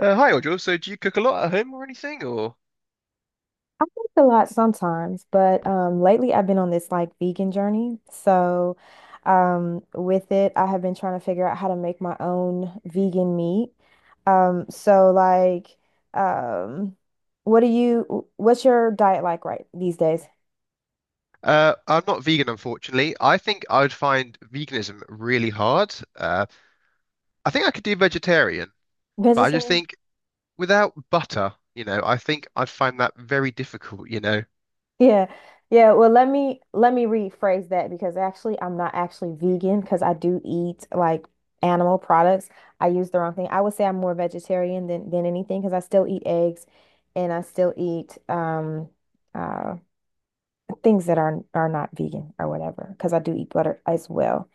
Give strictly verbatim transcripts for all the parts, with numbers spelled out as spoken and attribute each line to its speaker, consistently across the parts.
Speaker 1: Uh, hi, Audra. So, do you cook a lot at home or anything? Or
Speaker 2: I cook a lot sometimes, but um, lately I've been on this like vegan journey. So, um, with it, I have been trying to figure out how to make my own vegan meat. Um, so like, um, what do you, what's your diet like right these days?
Speaker 1: uh, I'm not vegan, unfortunately. I think I would find veganism really hard. Uh, I think I could do vegetarian, but I just
Speaker 2: Vegetarian?
Speaker 1: think without butter, you know, I think I'd find that very difficult. You know,
Speaker 2: Yeah. Yeah, well let me let me rephrase that because actually I'm not actually vegan because I do eat like animal products. I use the wrong thing. I would say I'm more vegetarian than than anything because I still eat eggs and I still eat um uh things that are are not vegan or whatever because I do eat butter as well.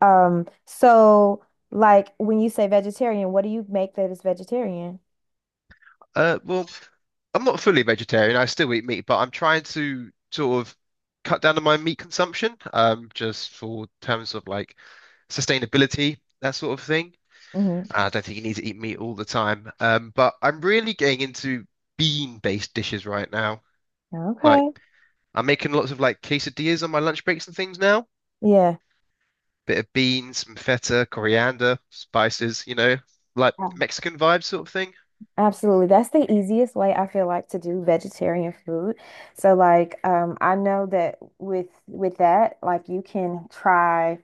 Speaker 2: Um so like when you say vegetarian, what do you make that is vegetarian?
Speaker 1: uh, Well, I'm not fully vegetarian. I still eat meat, but I'm trying to sort of cut down on my meat consumption, um, just for terms of like sustainability, that sort of thing.
Speaker 2: Hmm.
Speaker 1: I don't think you need to eat meat all the time. Um, but I'm really getting into bean-based dishes right now. Like
Speaker 2: Okay.
Speaker 1: I'm making lots of like quesadillas on my lunch breaks and things now.
Speaker 2: Yeah.
Speaker 1: Bit of beans, some feta, coriander, spices, you know, like
Speaker 2: Um,
Speaker 1: Mexican vibe sort of thing.
Speaker 2: Absolutely. That's the easiest way I feel like to do vegetarian food. So like um I know that with with that, like you can try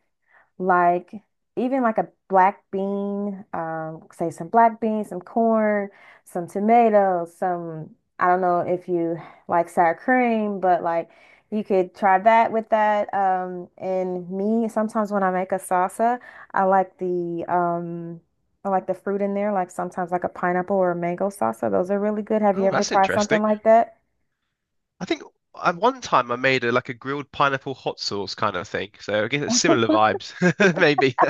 Speaker 2: like even like a black bean, um, say some black beans, some corn, some tomatoes, some I don't know if you like sour cream, but like you could try that with that. Um, and me, sometimes when I make a salsa, I like the um I like the fruit in there, like sometimes like a pineapple or a mango salsa. Those are really good. Have you
Speaker 1: Oh,
Speaker 2: ever
Speaker 1: that's
Speaker 2: tried something
Speaker 1: interesting.
Speaker 2: like that?
Speaker 1: I think at one time I made a like a grilled pineapple hot sauce kind of thing. So I guess it's similar vibes, maybe.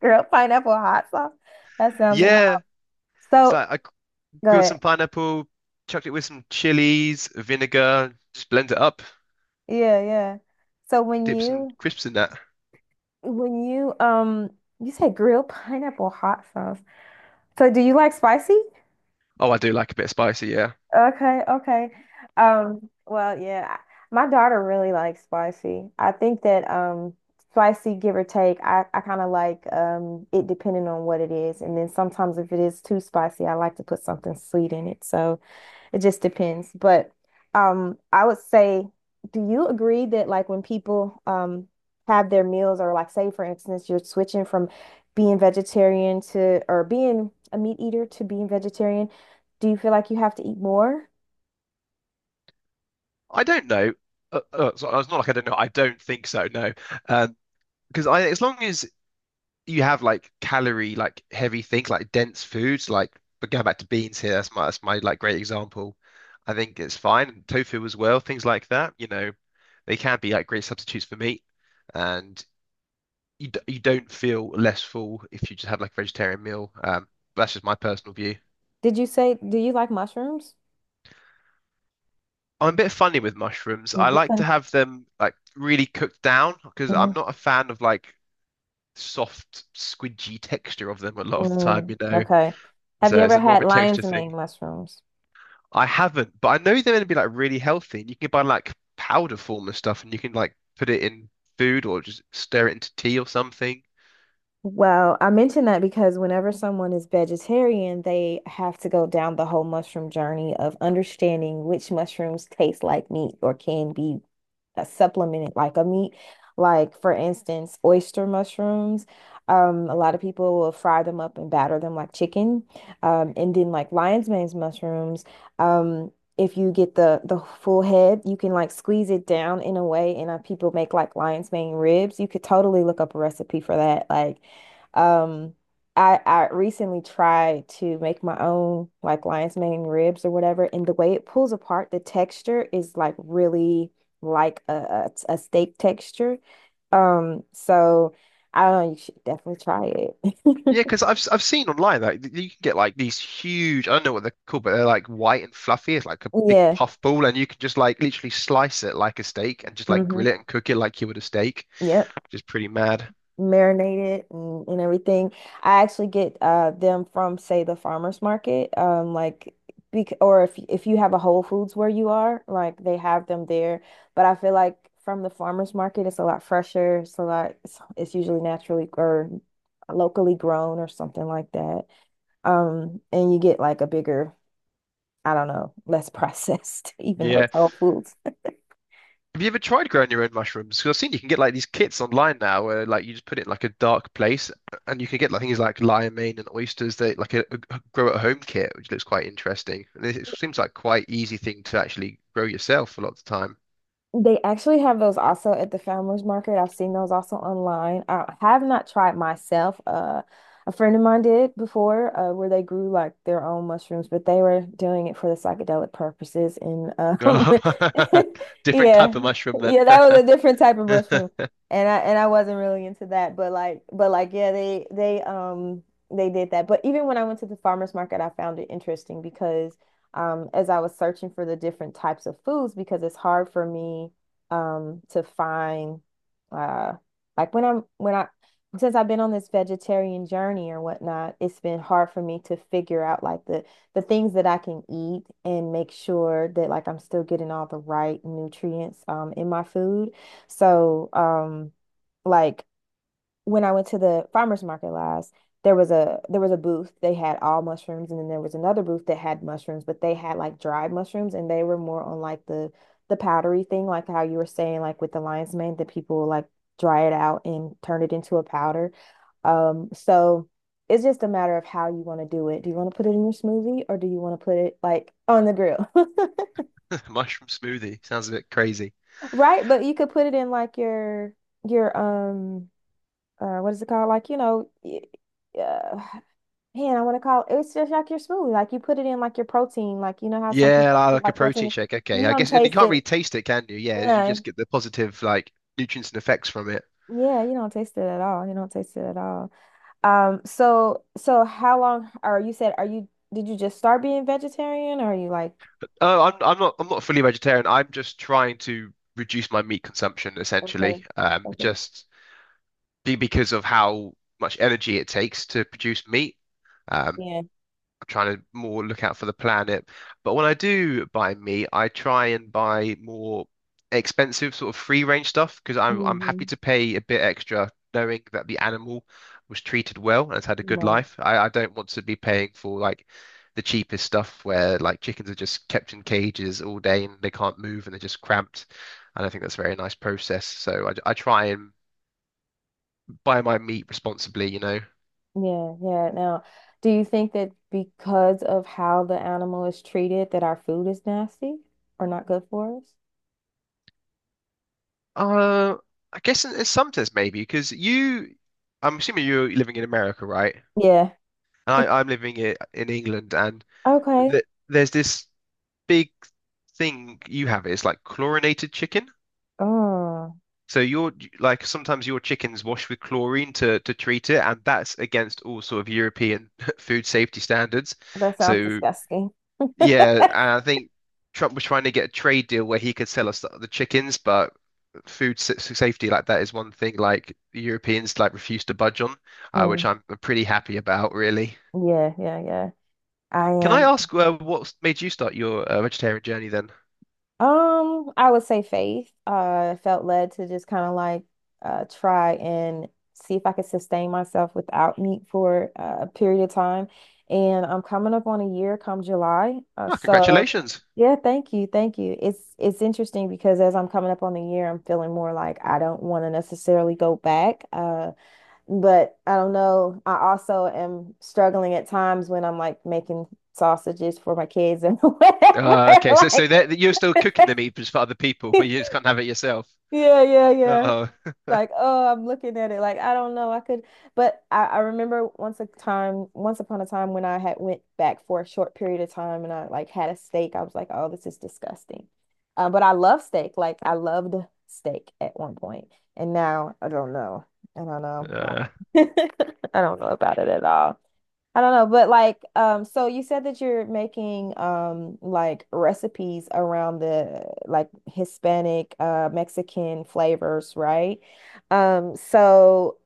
Speaker 2: Girl, pineapple hot sauce. That sounds wild.
Speaker 1: Yeah. It's
Speaker 2: So
Speaker 1: like I grilled
Speaker 2: good.
Speaker 1: some pineapple, chucked it with some chilies, vinegar, just blend it up.
Speaker 2: Yeah, yeah. So when
Speaker 1: Dip some
Speaker 2: you
Speaker 1: crisps in that.
Speaker 2: when you um you said grilled pineapple hot sauce. So do you like spicy?
Speaker 1: Oh, I do like a bit of spicy, yeah.
Speaker 2: Okay, okay. Um, well, yeah, I- my daughter really likes spicy. I think that um spicy, give or take, I, I kind of like um it depending on what it is. And then sometimes if it is too spicy, I like to put something sweet in it. So it just depends. But um I would say, do you agree that like when people um have their meals or like say for instance you're switching from being vegetarian to or being a meat eater to being vegetarian, do you feel like you have to eat more?
Speaker 1: I don't know. Uh, uh, so uh, it's not like I don't know. I don't think so, no. Um, because I, as long as you have like calorie, like heavy things, like dense foods, like but going back to beans here, that's my that's my like great example. I think it's fine. And tofu as well, things like that. You know, they can be like great substitutes for meat, and you d- you don't feel less full if you just have like a vegetarian meal. Um, that's just my personal view.
Speaker 2: Did you say, do you like mushrooms?
Speaker 1: I'm a bit funny with mushrooms.
Speaker 2: Mm,
Speaker 1: I
Speaker 2: this
Speaker 1: like
Speaker 2: one,
Speaker 1: to have them like really cooked down because I'm
Speaker 2: mm.
Speaker 1: not a fan of like soft, squidgy texture of them a lot of the time,
Speaker 2: Mm,
Speaker 1: you know.
Speaker 2: okay. Have you
Speaker 1: So
Speaker 2: ever
Speaker 1: it's more of
Speaker 2: had
Speaker 1: a texture
Speaker 2: lion's mane
Speaker 1: thing.
Speaker 2: mushrooms?
Speaker 1: I haven't, but I know they're going to be like really healthy. And you can buy like powder form and stuff, and you can like put it in food or just stir it into tea or something.
Speaker 2: Well, I mention that because whenever someone is vegetarian, they have to go down the whole mushroom journey of understanding which mushrooms taste like meat or can be uh, supplement it like a meat. Like for instance, oyster mushrooms. Um, a lot of people will fry them up and batter them like chicken. Um, and then like lion's mane's mushrooms. Um, if you get the the full head, you can like squeeze it down in a way, and uh, people make like lion's mane ribs. You could totally look up a recipe for that. Like, um, I I recently tried to make my own like lion's mane ribs or whatever, and the way it pulls apart, the texture is like really like a, a, a steak texture. Um, so I don't know, you should definitely try it.
Speaker 1: Yeah, because I've s- I've seen online that like you can get like these huge I don't know what they're called, but they're like white and fluffy. It's like a big
Speaker 2: Yeah.
Speaker 1: puff ball, and you can just like literally slice it like a steak and just like grill
Speaker 2: Hmm.
Speaker 1: it and cook it like you would a steak,
Speaker 2: Yep.
Speaker 1: which is pretty mad.
Speaker 2: Marinated and, and everything. I actually get uh them from say the farmers market. Um like bec or if if you have a Whole Foods where you are, like they have them there. But I feel like from the farmers market it's a lot fresher. It's a lot it's, it's usually naturally or locally grown or something like that. Um and you get like a bigger I don't know, less processed, even though
Speaker 1: Yeah.
Speaker 2: it's Whole Foods.
Speaker 1: Have you ever tried growing your own mushrooms? Because I've seen you can get like these kits online now where like you just put it in like a dark place and you can get like things like lion mane and oysters that like a, a grow at home kit, which looks quite interesting. And it, it seems like quite easy thing to actually grow yourself a lot of the time.
Speaker 2: They actually have those also at the farmers market. I've seen those also online. I have not tried myself. Uh, a friend of mine did before, uh, where they grew like their own mushrooms, but they were doing it for the psychedelic purposes. And um,
Speaker 1: Oh, different
Speaker 2: yeah,
Speaker 1: type of mushroom
Speaker 2: yeah, that
Speaker 1: then.
Speaker 2: was a different type of mushroom, and I and I wasn't really into that. But like, but like, yeah, they they um they did that. But even when I went to the farmers market, I found it interesting because um, as I was searching for the different types of foods because it's hard for me um, to find uh, like when I'm when I since I've been on this vegetarian journey or whatnot, it's been hard for me to figure out like the the things that I can eat and make sure that like I'm still getting all the right nutrients um, in my food. So um, like when I went to the farmers market last, there was a there was a booth. They had all mushrooms, and then there was another booth that had mushrooms, but they had like dried mushrooms, and they were more on like the the powdery thing, like how you were saying, like with the lion's mane, that people like dry it out and turn it into a powder. Um, so it's just a matter of how you want to do it. Do you want to put it in your smoothie, or do you want to put it like on the grill,
Speaker 1: Mushroom smoothie sounds a bit crazy.
Speaker 2: right? But you could put it in like your your um uh what is it called? Like you know. y- Yeah. Man, I want to call it's just like your smoothie. Like you put it in like your protein. Like you know how some
Speaker 1: Yeah,
Speaker 2: people
Speaker 1: li-
Speaker 2: put
Speaker 1: like a
Speaker 2: like protein.
Speaker 1: protein shake.
Speaker 2: in-
Speaker 1: Okay,
Speaker 2: You
Speaker 1: I
Speaker 2: don't
Speaker 1: guess, and you
Speaker 2: taste
Speaker 1: can't really
Speaker 2: it.
Speaker 1: taste it, can you? Yeah, you
Speaker 2: Yeah.
Speaker 1: just get the positive like nutrients and effects from it.
Speaker 2: Yeah, you don't taste it at all. You don't taste it at all. Um, so so how long are you said are you did you just start being vegetarian or are you like
Speaker 1: Oh, I'm I'm not I'm not fully vegetarian. I'm just trying to reduce my meat consumption
Speaker 2: okay,
Speaker 1: essentially. Um,
Speaker 2: okay.
Speaker 1: just be because of how much energy it takes to produce meat. Um,
Speaker 2: Yeah.
Speaker 1: Trying to more look out for the planet. But when I do buy meat, I try and buy more expensive sort of free range stuff because I'm I'm
Speaker 2: Hmm.
Speaker 1: happy to pay a bit extra knowing that the animal was treated well and has had a good
Speaker 2: Right.
Speaker 1: life. I, I don't want to be paying for like the cheapest stuff where like chickens are just kept in cages all day and they can't move and they're just cramped. I don't think that's a very nice process. So I, I try and buy my meat responsibly, you know.
Speaker 2: Yeah, yeah. Now, do you think that because of how the animal is treated that our food is nasty or not good for us?
Speaker 1: Uh, I guess in, in some sense maybe because you, I'm assuming you're living in America, right?
Speaker 2: Yeah.
Speaker 1: And I, I'm living i- in England, and
Speaker 2: Okay.
Speaker 1: th there's this big thing you have. It's like chlorinated chicken.
Speaker 2: Oh.
Speaker 1: So your like sometimes your chickens wash with chlorine to to treat it, and that's against all sort of European food safety standards.
Speaker 2: That sounds
Speaker 1: So
Speaker 2: disgusting.
Speaker 1: yeah, and I think Trump was trying to get a trade deal where he could sell us the chickens, but food sa- safety like that is one thing like the Europeans like refuse to budge on, uh, which
Speaker 2: Mm,
Speaker 1: I'm I'm pretty happy about, really.
Speaker 2: yeah, yeah, yeah. I
Speaker 1: Can I
Speaker 2: am.
Speaker 1: ask uh, what made you start your uh, vegetarian journey then?
Speaker 2: Um, I would say faith. Uh, I felt led to just kind of like uh try and see if I could sustain myself without meat for uh, a period of time. And I'm coming up on a year come July. Uh,
Speaker 1: Ah,
Speaker 2: so
Speaker 1: congratulations.
Speaker 2: yeah, thank you, thank you. It's it's interesting because as I'm coming up on the year, I'm feeling more like I don't want to necessarily go back. Uh, But I don't know. I also am struggling at times when I'm like making sausages for my kids and whatever.
Speaker 1: Uh, okay, so so
Speaker 2: Like,
Speaker 1: that that you're still cooking the meat just for other people, but you just can't have it yourself.
Speaker 2: yeah, yeah, yeah.
Speaker 1: Oh,
Speaker 2: Like, oh, I'm looking at it. Like, I don't know. I could, but I, I remember once a time, once upon a time when I had went back for a short period of time and I like had a steak. I was like, oh, this is disgusting. Uh, but I love steak. Like, I loved steak at one point, and now I don't know. I don't know. I
Speaker 1: uh,
Speaker 2: don't I don't know about it at all. I don't know, but like, um, so you said that you're making um like recipes around the like Hispanic, uh, Mexican flavors, right? Um, so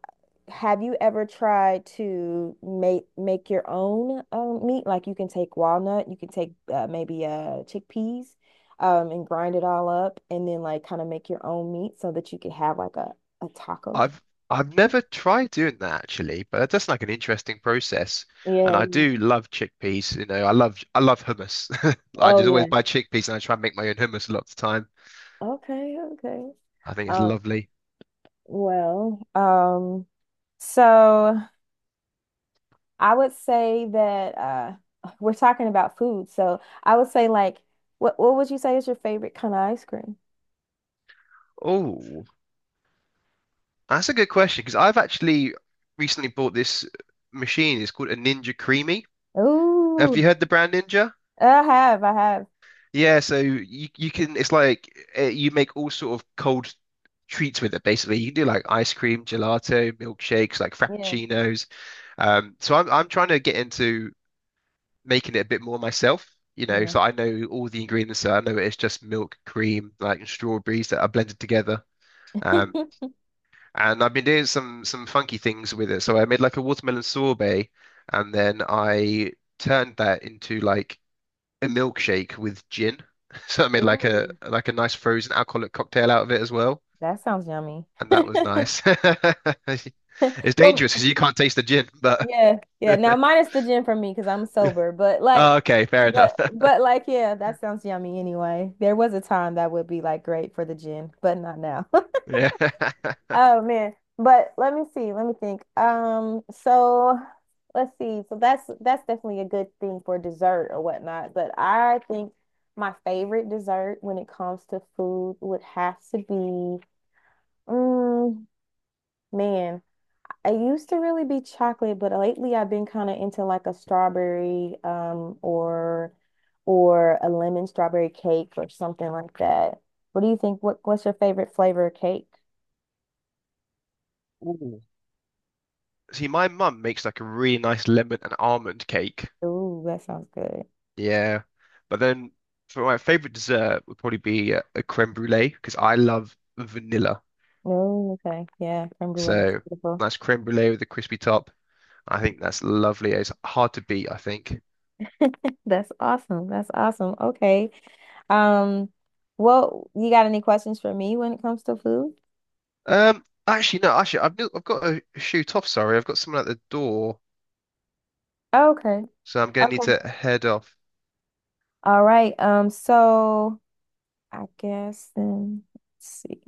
Speaker 2: have you ever tried to make make your own um meat? Like you can take walnut, you can take uh, maybe uh chickpeas, um, and grind it all up, and then like kind of make your own meat so that you could have like a a taco.
Speaker 1: I've I've never tried doing that actually, but that's like an interesting process. And
Speaker 2: Yeah.
Speaker 1: I do love chickpeas. You know, I love I love hummus. I
Speaker 2: Oh
Speaker 1: just always
Speaker 2: yeah.
Speaker 1: buy chickpeas and I try and make my own hummus a lot of the time.
Speaker 2: Okay. Okay.
Speaker 1: I think it's
Speaker 2: Um,
Speaker 1: lovely.
Speaker 2: Well, um, so I would say that uh we're talking about food. So I would say like what what would you say is your favorite kind of ice cream?
Speaker 1: Oh, that's a good question because I've actually recently bought this machine. It's called a Ninja Creamy. Have
Speaker 2: Ooh,
Speaker 1: you heard the brand Ninja?
Speaker 2: I have, I have.
Speaker 1: Yeah, so you you can it's like uh, you make all sort of cold treats with it basically. You can do like ice cream, gelato, milkshakes, like
Speaker 2: Yeah,
Speaker 1: frappuccinos. Um, so I'm I'm trying to get into making it a bit more myself, you know,
Speaker 2: yeah.
Speaker 1: so I know all the ingredients. So I know it's just milk, cream, like and strawberries that are blended together. Um, And I've been doing some some funky things with it. So I made like a watermelon sorbet, and then I turned that into like a milkshake with gin. So I made like a
Speaker 2: Ooh,
Speaker 1: like a nice frozen alcoholic cocktail out of it as well,
Speaker 2: that sounds yummy.
Speaker 1: and that was nice. It's
Speaker 2: Well,
Speaker 1: dangerous because you can't taste the gin, but
Speaker 2: yeah, yeah. Now minus the gin for me because I'm sober, but like
Speaker 1: oh, okay, fair enough.
Speaker 2: but but like yeah, that sounds yummy anyway. There was a time that would be like great for the gin, but not now.
Speaker 1: Yeah.
Speaker 2: Oh man. But let me see. Let me think. Um, so let's see. So that's that's definitely a good thing for dessert or whatnot. But I think my favorite dessert when it comes to food would have to be, mm, man, I used to really be chocolate, but lately I've been kind of into like a strawberry, um, or or a lemon strawberry cake or something like that. What do you think? What what's your favorite flavor of cake?
Speaker 1: Ooh. See, my mum makes like a really nice lemon and almond cake,
Speaker 2: Ooh, that sounds good.
Speaker 1: yeah. But then for my favorite dessert would probably be a, a creme brulee because I love vanilla.
Speaker 2: Oh, okay. Yeah, creme brulee is
Speaker 1: So
Speaker 2: beautiful.
Speaker 1: nice creme brulee with a crispy top. I think that's lovely. It's hard to beat, I think.
Speaker 2: That's awesome. That's awesome. Okay. Um, well, you got any questions for me when it comes to food?
Speaker 1: Um, actually, no, actually, I've, I've got to shoot off. Sorry, I've got someone at the door,
Speaker 2: Okay.
Speaker 1: so I'm going to need
Speaker 2: Okay.
Speaker 1: to head off.
Speaker 2: All right. Um, so I guess then let's see.